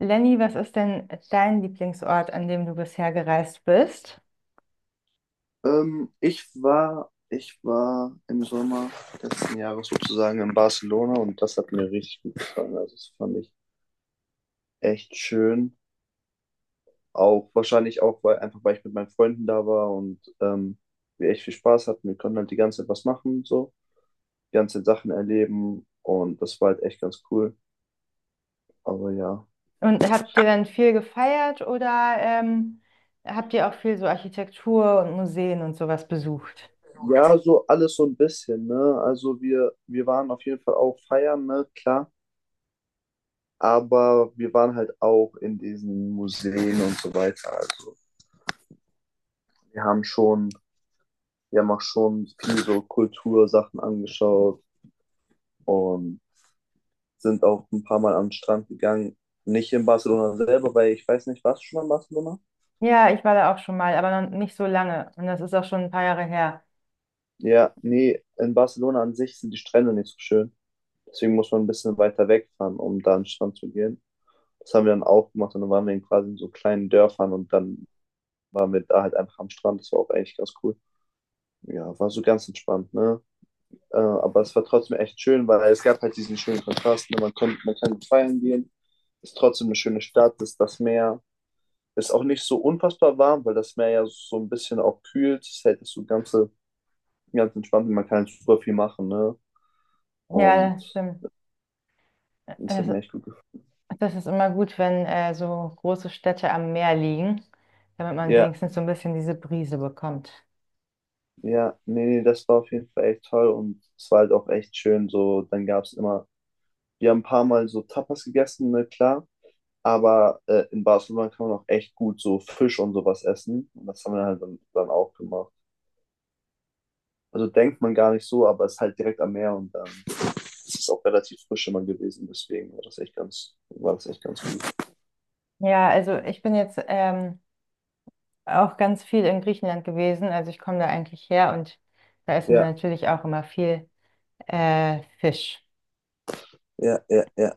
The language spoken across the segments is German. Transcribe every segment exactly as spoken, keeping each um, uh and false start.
Lenny, was ist denn dein Lieblingsort, an dem du bisher gereist bist? Ähm, ich war, ich war im Sommer letzten Jahres sozusagen in Barcelona und das hat mir richtig gut gefallen. Also das fand ich echt schön. Auch wahrscheinlich auch, weil einfach weil ich mit meinen Freunden da war und ähm, wir echt viel Spaß hatten. Wir konnten halt die ganze Zeit was machen, so, die ganze Zeit Sachen erleben und das war halt echt ganz cool. Aber ja. Und habt ihr dann viel gefeiert oder ähm, habt ihr auch viel so Architektur und Museen und sowas besucht? Ja, so alles so ein bisschen, ne? Also wir, wir waren auf jeden Fall auch feiern, ne? Klar. Aber wir waren halt auch in diesen Museen und so weiter. Also wir haben schon, wir haben auch schon viel so Kultursachen angeschaut und sind auch ein paar Mal am Strand gegangen. Nicht in Barcelona selber, weil ich weiß nicht, warst du schon in Barcelona? Ja, ich war da auch schon mal, aber noch nicht so lange. Und das ist auch schon ein paar Jahre her. Ja, nee, in Barcelona an sich sind die Strände nicht so schön. Deswegen muss man ein bisschen weiter wegfahren, um da an den Strand zu gehen. Das haben wir dann auch gemacht und dann waren wir in quasi in so kleinen Dörfern und dann waren wir da halt einfach am Strand. Das war auch eigentlich ganz cool. Ja, war so ganz entspannt, ne? Äh, aber es war trotzdem echt schön, weil es gab halt diesen schönen Kontrast. Ne? Man, konnte, man kann feiern gehen, ist trotzdem eine schöne Stadt, ist das Meer. Ist auch nicht so unfassbar warm, weil das Meer ja so ein bisschen auch kühlt. Es hält das so ganze, ganz entspannt und man kann halt super viel machen. Ne? Ja, Und das stimmt. das hat mir Das, echt gut gefallen. das ist immer gut, wenn äh, so große Städte am Meer liegen, damit man Ja, wenigstens so ein bisschen diese Brise bekommt. ja, nee, nee, das war auf jeden Fall echt toll und es war halt auch echt schön. So, dann gab es immer, wir haben ein paar Mal so Tapas gegessen, ne, klar. Aber äh, in Barcelona kann man auch echt gut so Fisch und sowas essen. Und das haben wir halt dann, dann auch gemacht. Also denkt man gar nicht so, aber es ist halt direkt am Meer und dann ist es auch relativ frisch immer gewesen. Deswegen war das echt ganz, war das echt ganz gut. Ja, also ich bin jetzt ähm, auch ganz viel in Griechenland gewesen. Also ich komme da eigentlich her und da essen wir Ja, natürlich auch immer viel äh, Fisch. ja, ja, ja.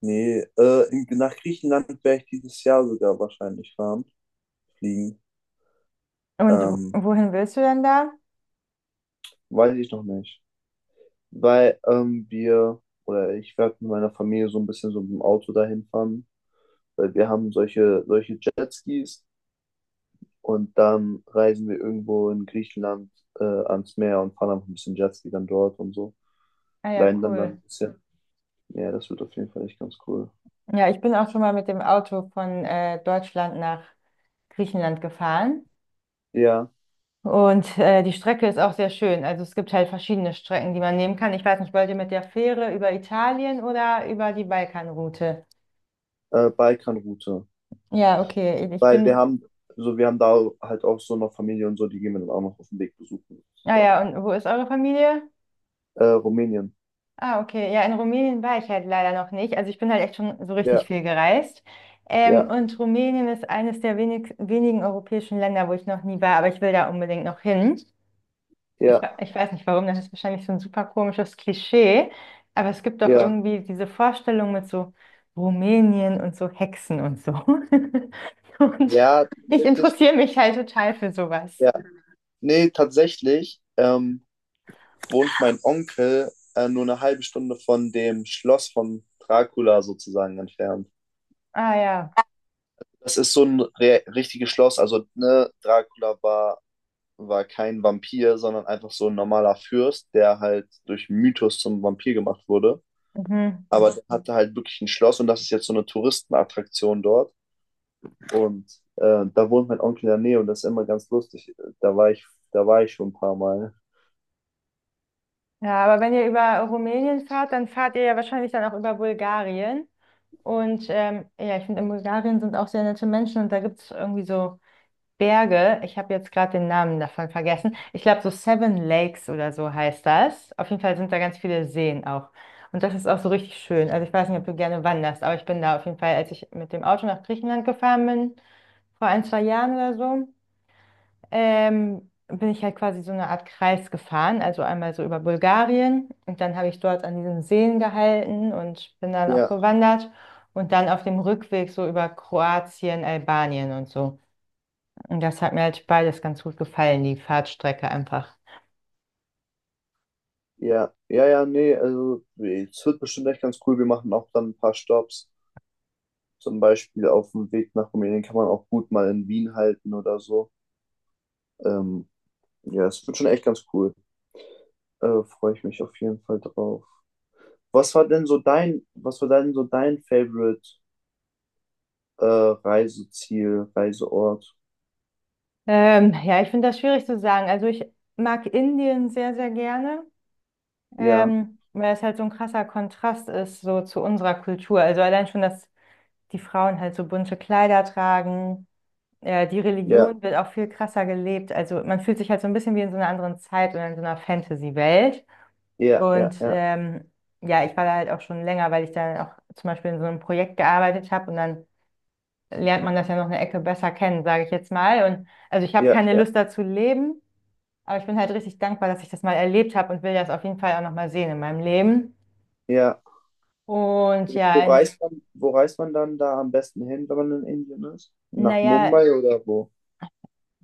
Nee, äh, in, nach Griechenland werde ich dieses Jahr sogar wahrscheinlich fahren, fliegen. Und w- Ähm, wohin willst du denn da? weiß ich noch nicht. Weil ähm, wir, oder ich werde mit meiner Familie so ein bisschen so mit dem Auto dahin fahren, weil wir haben solche, solche Jetskis. Und dann reisen wir irgendwo in Griechenland äh, ans Meer und fahren einfach ein bisschen Jetski dann dort und so. Ah ja, Leiden dann dann ein cool. bisschen. Ja, das wird auf jeden Fall echt ganz cool. Ja, ich bin auch schon mal mit dem Auto von äh, Deutschland nach Griechenland gefahren. Ja, Und äh, die Strecke ist auch sehr schön. Also es gibt halt verschiedene Strecken, die man nehmen kann. Ich weiß nicht, wollt ihr mit der Fähre über Italien oder über die Balkanroute? äh, Balkanroute. Ja, okay. Ich Weil wir bin. haben, so wir haben da halt auch so noch Familie und so, die gehen wir dann auch noch auf dem Weg besuchen, Ah ja, sozusagen. und wo ist eure Familie? Äh, Rumänien. Ah, okay. Ja, in Rumänien war ich halt leider noch nicht. Also ich bin halt echt schon so richtig Ja, viel gereist. Ähm, ja, und Rumänien ist eines der wenig, wenigen europäischen Länder, wo ich noch nie war, aber ich will da unbedingt noch hin. Ich, ja, wa- Ich weiß nicht warum, das ist wahrscheinlich so ein super komisches Klischee, aber es gibt doch ja. irgendwie diese Vorstellung mit so Rumänien und so Hexen und so. Und Ja, ich tatsächlich. interessiere mich halt total für sowas. Ja. Nee, tatsächlich ähm, wohnt mein Onkel äh, nur eine halbe Stunde von dem Schloss von Dracula sozusagen entfernt. Ah ja. Das ist so ein re richtiges Schloss. Also, ne, Dracula war, war kein Vampir, sondern einfach so ein normaler Fürst, der halt durch Mythos zum Vampir gemacht wurde. Mhm. Aber der hatte halt wirklich ein Schloss und das ist jetzt so eine Touristenattraktion dort. Und äh, da wohnt mein Onkel in der Nähe und das ist immer ganz lustig. Da war ich, da war ich schon ein paar Mal. Ja, aber wenn ihr über Rumänien fahrt, dann fahrt ihr ja wahrscheinlich dann auch über Bulgarien. Und ähm, ja, ich finde, in Bulgarien sind auch sehr nette Menschen und da gibt es irgendwie so Berge. Ich habe jetzt gerade den Namen davon vergessen. Ich glaube, so Seven Lakes oder so heißt das. Auf jeden Fall sind da ganz viele Seen auch. Und das ist auch so richtig schön. Also ich weiß nicht, ob du gerne wanderst, aber ich bin da auf jeden Fall, als ich mit dem Auto nach Griechenland gefahren bin, vor ein, zwei Jahren oder so, ähm, bin ich halt quasi so eine Art Kreis gefahren, also einmal so über Bulgarien und dann habe ich dort an diesen Seen gehalten und bin dann auch Ja, gewandert und dann auf dem Rückweg so über Kroatien, Albanien und so. Und das hat mir halt beides ganz gut gefallen, die Fahrtstrecke einfach. ja, ja, ja, nee, also es wird bestimmt echt ganz cool. Wir machen auch dann ein paar Stops. Zum Beispiel auf dem Weg nach Rumänien kann man auch gut mal in Wien halten oder so. Ähm, Ja, es wird schon echt ganz cool. Äh, freue ich mich auf jeden Fall drauf. Was war denn so dein, was war denn so dein Favorite äh, Reiseziel, Reiseort? Ähm, ja, ich finde das schwierig zu sagen. Also ich mag Indien sehr, sehr gerne, Ja, ähm, weil es halt so ein krasser Kontrast ist so zu unserer Kultur. Also allein schon, dass die Frauen halt so bunte Kleider tragen. Ja, die ja, Religion wird auch viel krasser gelebt. Also man fühlt sich halt so ein bisschen wie in so einer anderen Zeit oder in so einer Fantasy-Welt. ja, Und ja, ja, ähm, ja, ich war da halt auch schon länger, weil ich dann auch zum Beispiel in so einem Projekt gearbeitet habe und dann lernt man das ja noch eine Ecke besser kennen, sage ich jetzt mal. Und also ich habe ja, keine ja, Lust dazu leben, aber ich bin halt richtig dankbar, dass ich das mal erlebt habe und will das auf jeden Fall auch nochmal sehen in meinem Leben. ja. Und Wo ja, in, reist man, wo reist man dann da am besten hin, wenn man in Indien ist? Nach naja. Mumbai oder wo?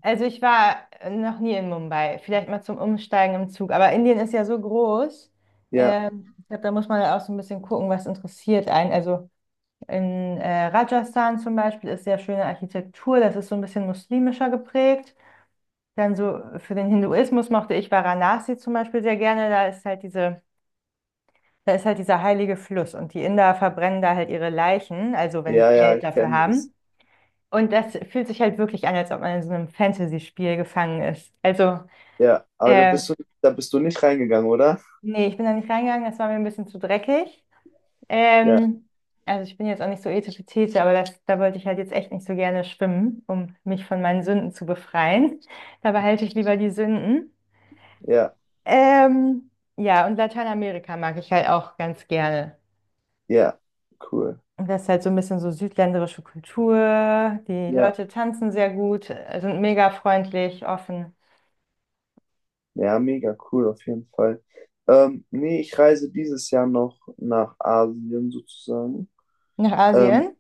Also ich war noch nie in Mumbai, vielleicht mal zum Umsteigen im Zug, aber Indien ist ja so groß. Ja, Ähm, ich glaube, da muss man auch so ein bisschen gucken, was interessiert einen. Also in äh, Rajasthan zum Beispiel ist sehr schöne Architektur, das ist so ein bisschen muslimischer geprägt. Dann so für den Hinduismus mochte ich Varanasi zum Beispiel sehr gerne. Da ist halt diese, da ist halt dieser heilige Fluss und die Inder verbrennen da halt ihre Leichen, also wenn die ja, ja, Geld ich dafür kenne das. haben. Und das fühlt sich halt wirklich an, als ob man in so einem Fantasy-Spiel gefangen ist. Also Ja, aber da bist ähm, du, da bist du nicht reingegangen, oder? nee, ich bin da nicht reingegangen, das war mir ein bisschen zu dreckig. Ja, Ähm, also ich bin jetzt auch nicht so ethische Tete, aber das, da wollte ich halt jetzt echt nicht so gerne schwimmen, um mich von meinen Sünden zu befreien. Da behalte ich lieber die Sünden. ja, Ähm, ja, und Lateinamerika mag ich halt auch ganz gerne. ja, cool. Und das ist halt so ein bisschen so südländerische Kultur. Die Ja. Leute tanzen sehr gut, äh, sind mega freundlich, offen. Ja, mega cool auf jeden Fall. Ähm, nee, ich reise dieses Jahr noch nach Asien sozusagen. Nach Ähm, Asien?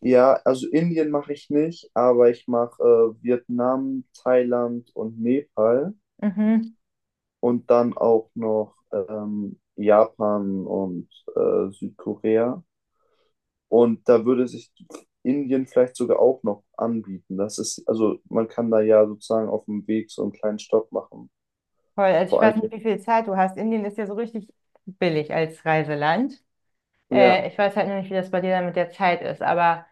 ja, also Indien mache ich nicht, aber ich mache äh, Vietnam, Thailand und Nepal Mhm. und dann auch noch ähm, Japan und äh, Südkorea. Und da würde sich Indien vielleicht sogar auch noch anbieten. Das ist, also man kann da ja sozusagen auf dem Weg so einen kleinen Stopp machen. Voll. Also ich Vor allem, weiß nicht, wie viel Zeit du hast. Indien ist ja so richtig billig als Reiseland. ja, Äh, ich weiß halt nur nicht, wie das bei dir dann mit der Zeit ist, aber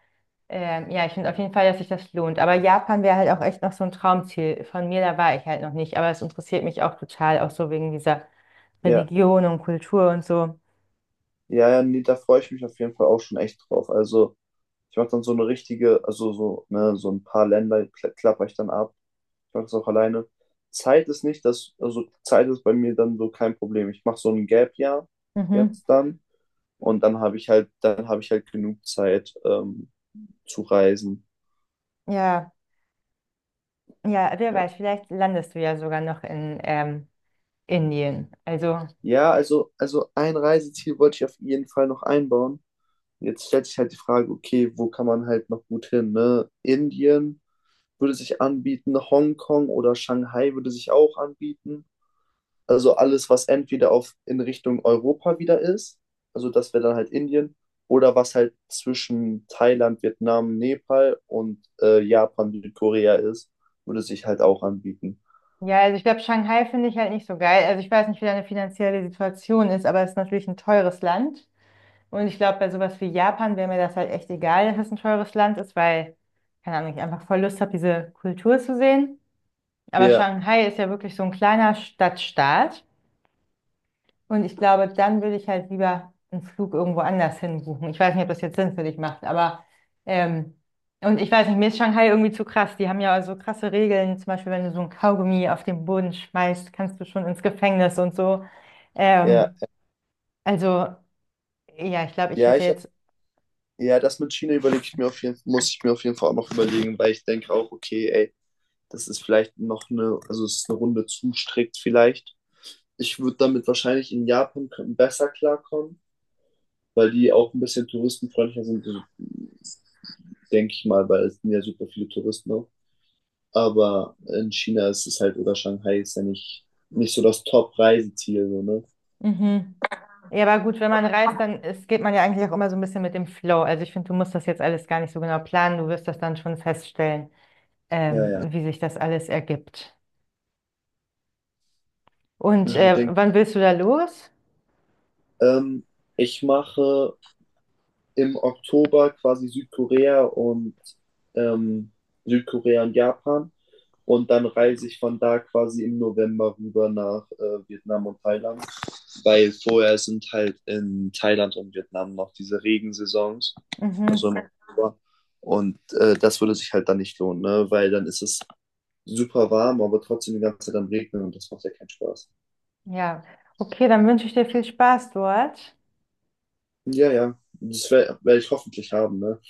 ähm, ja, ich finde auf jeden Fall, dass sich das lohnt. Aber Japan wäre halt auch echt noch so ein Traumziel von mir, da war ich halt noch nicht, aber es interessiert mich auch total, auch so wegen dieser ja. Religion und Kultur und so. Ja, ja, nee, da freue ich mich auf jeden Fall auch schon echt drauf. Also, ich mache dann so eine richtige, also so, ne, so ein paar Länder kla klapper ich dann ab. Ich mache das auch alleine. Zeit ist nicht das, also Zeit ist bei mir dann so kein Problem. Ich mache so ein Gap-Jahr Mhm. jetzt dann und dann habe ich halt, dann habe ich halt genug Zeit ähm, zu reisen. Ja, ja, wer Ja, weiß, vielleicht landest du ja sogar noch in ähm, Indien. Also ja, also, also ein Reiseziel wollte ich auf jeden Fall noch einbauen. Jetzt stellt sich halt die Frage, okay, wo kann man halt noch gut hin, ne? Indien würde sich anbieten, Hongkong oder Shanghai würde sich auch anbieten. Also alles, was entweder auf in Richtung Europa wieder ist, also das wäre dann halt Indien, oder was halt zwischen Thailand, Vietnam, Nepal und äh, Japan, Südkorea ist, würde sich halt auch anbieten. ja, also ich glaube, Shanghai finde ich halt nicht so geil. Also ich weiß nicht, wie deine finanzielle Situation ist, aber es ist natürlich ein teures Land. Und ich glaube, bei sowas wie Japan wäre mir das halt echt egal, dass es ein teures Land ist, weil, keine Ahnung, ich einfach voll Lust habe, diese Kultur zu sehen. Aber Ja, Shanghai ist ja wirklich so ein kleiner Stadtstaat. Und ich glaube, dann würde ich halt lieber einen Flug irgendwo anders hin buchen. Ich weiß nicht, ob das jetzt Sinn für dich macht, aber ähm, und ich weiß nicht, mir ist Shanghai irgendwie zu krass. Die haben ja so krasse Regeln. Zum Beispiel, wenn du so ein Kaugummi auf den Boden schmeißt, kannst du schon ins Gefängnis und so. ja, Ähm, also, ja, ich glaube, ich ja, hätte ich hab, jetzt. ja, das mit China überlege ich mir auf jeden, muss ich mir auf jeden Fall auch noch überlegen, weil ich denke auch, okay, ey, das ist vielleicht noch eine, also es ist eine Runde zu strikt vielleicht. Ich würde damit wahrscheinlich in Japan k- besser klarkommen, weil die auch ein bisschen touristenfreundlicher sind, also, denke ich mal, weil es sind ja super viele Touristen auch. Aber in China ist es halt, oder Shanghai ist ja nicht, nicht so das Top-Reiseziel, so, ne? Mhm. Ja, aber gut, wenn man reist, dann ist, geht man ja eigentlich auch immer so ein bisschen mit dem Flow. Also ich finde, du musst das jetzt alles gar nicht so genau planen. Du wirst das dann schon feststellen, Ja, ähm, ja. wie sich das alles ergibt. Und ja äh, denk, wann willst du da los? ähm, ich mache im Oktober quasi Südkorea und ähm, Südkorea und Japan. Und dann reise ich von da quasi im November rüber nach äh, Vietnam und Thailand, weil vorher sind halt in Thailand und Vietnam noch diese Regensaisons, also Mhm. im Oktober. Und äh, das würde sich halt dann nicht lohnen, ne? Weil dann ist es super warm, aber trotzdem die ganze Zeit am Regnen und das macht ja keinen Spaß. Ja, okay, dann wünsche ich dir viel Spaß dort. Ja, ja, das werde werd ich hoffentlich haben. Ne?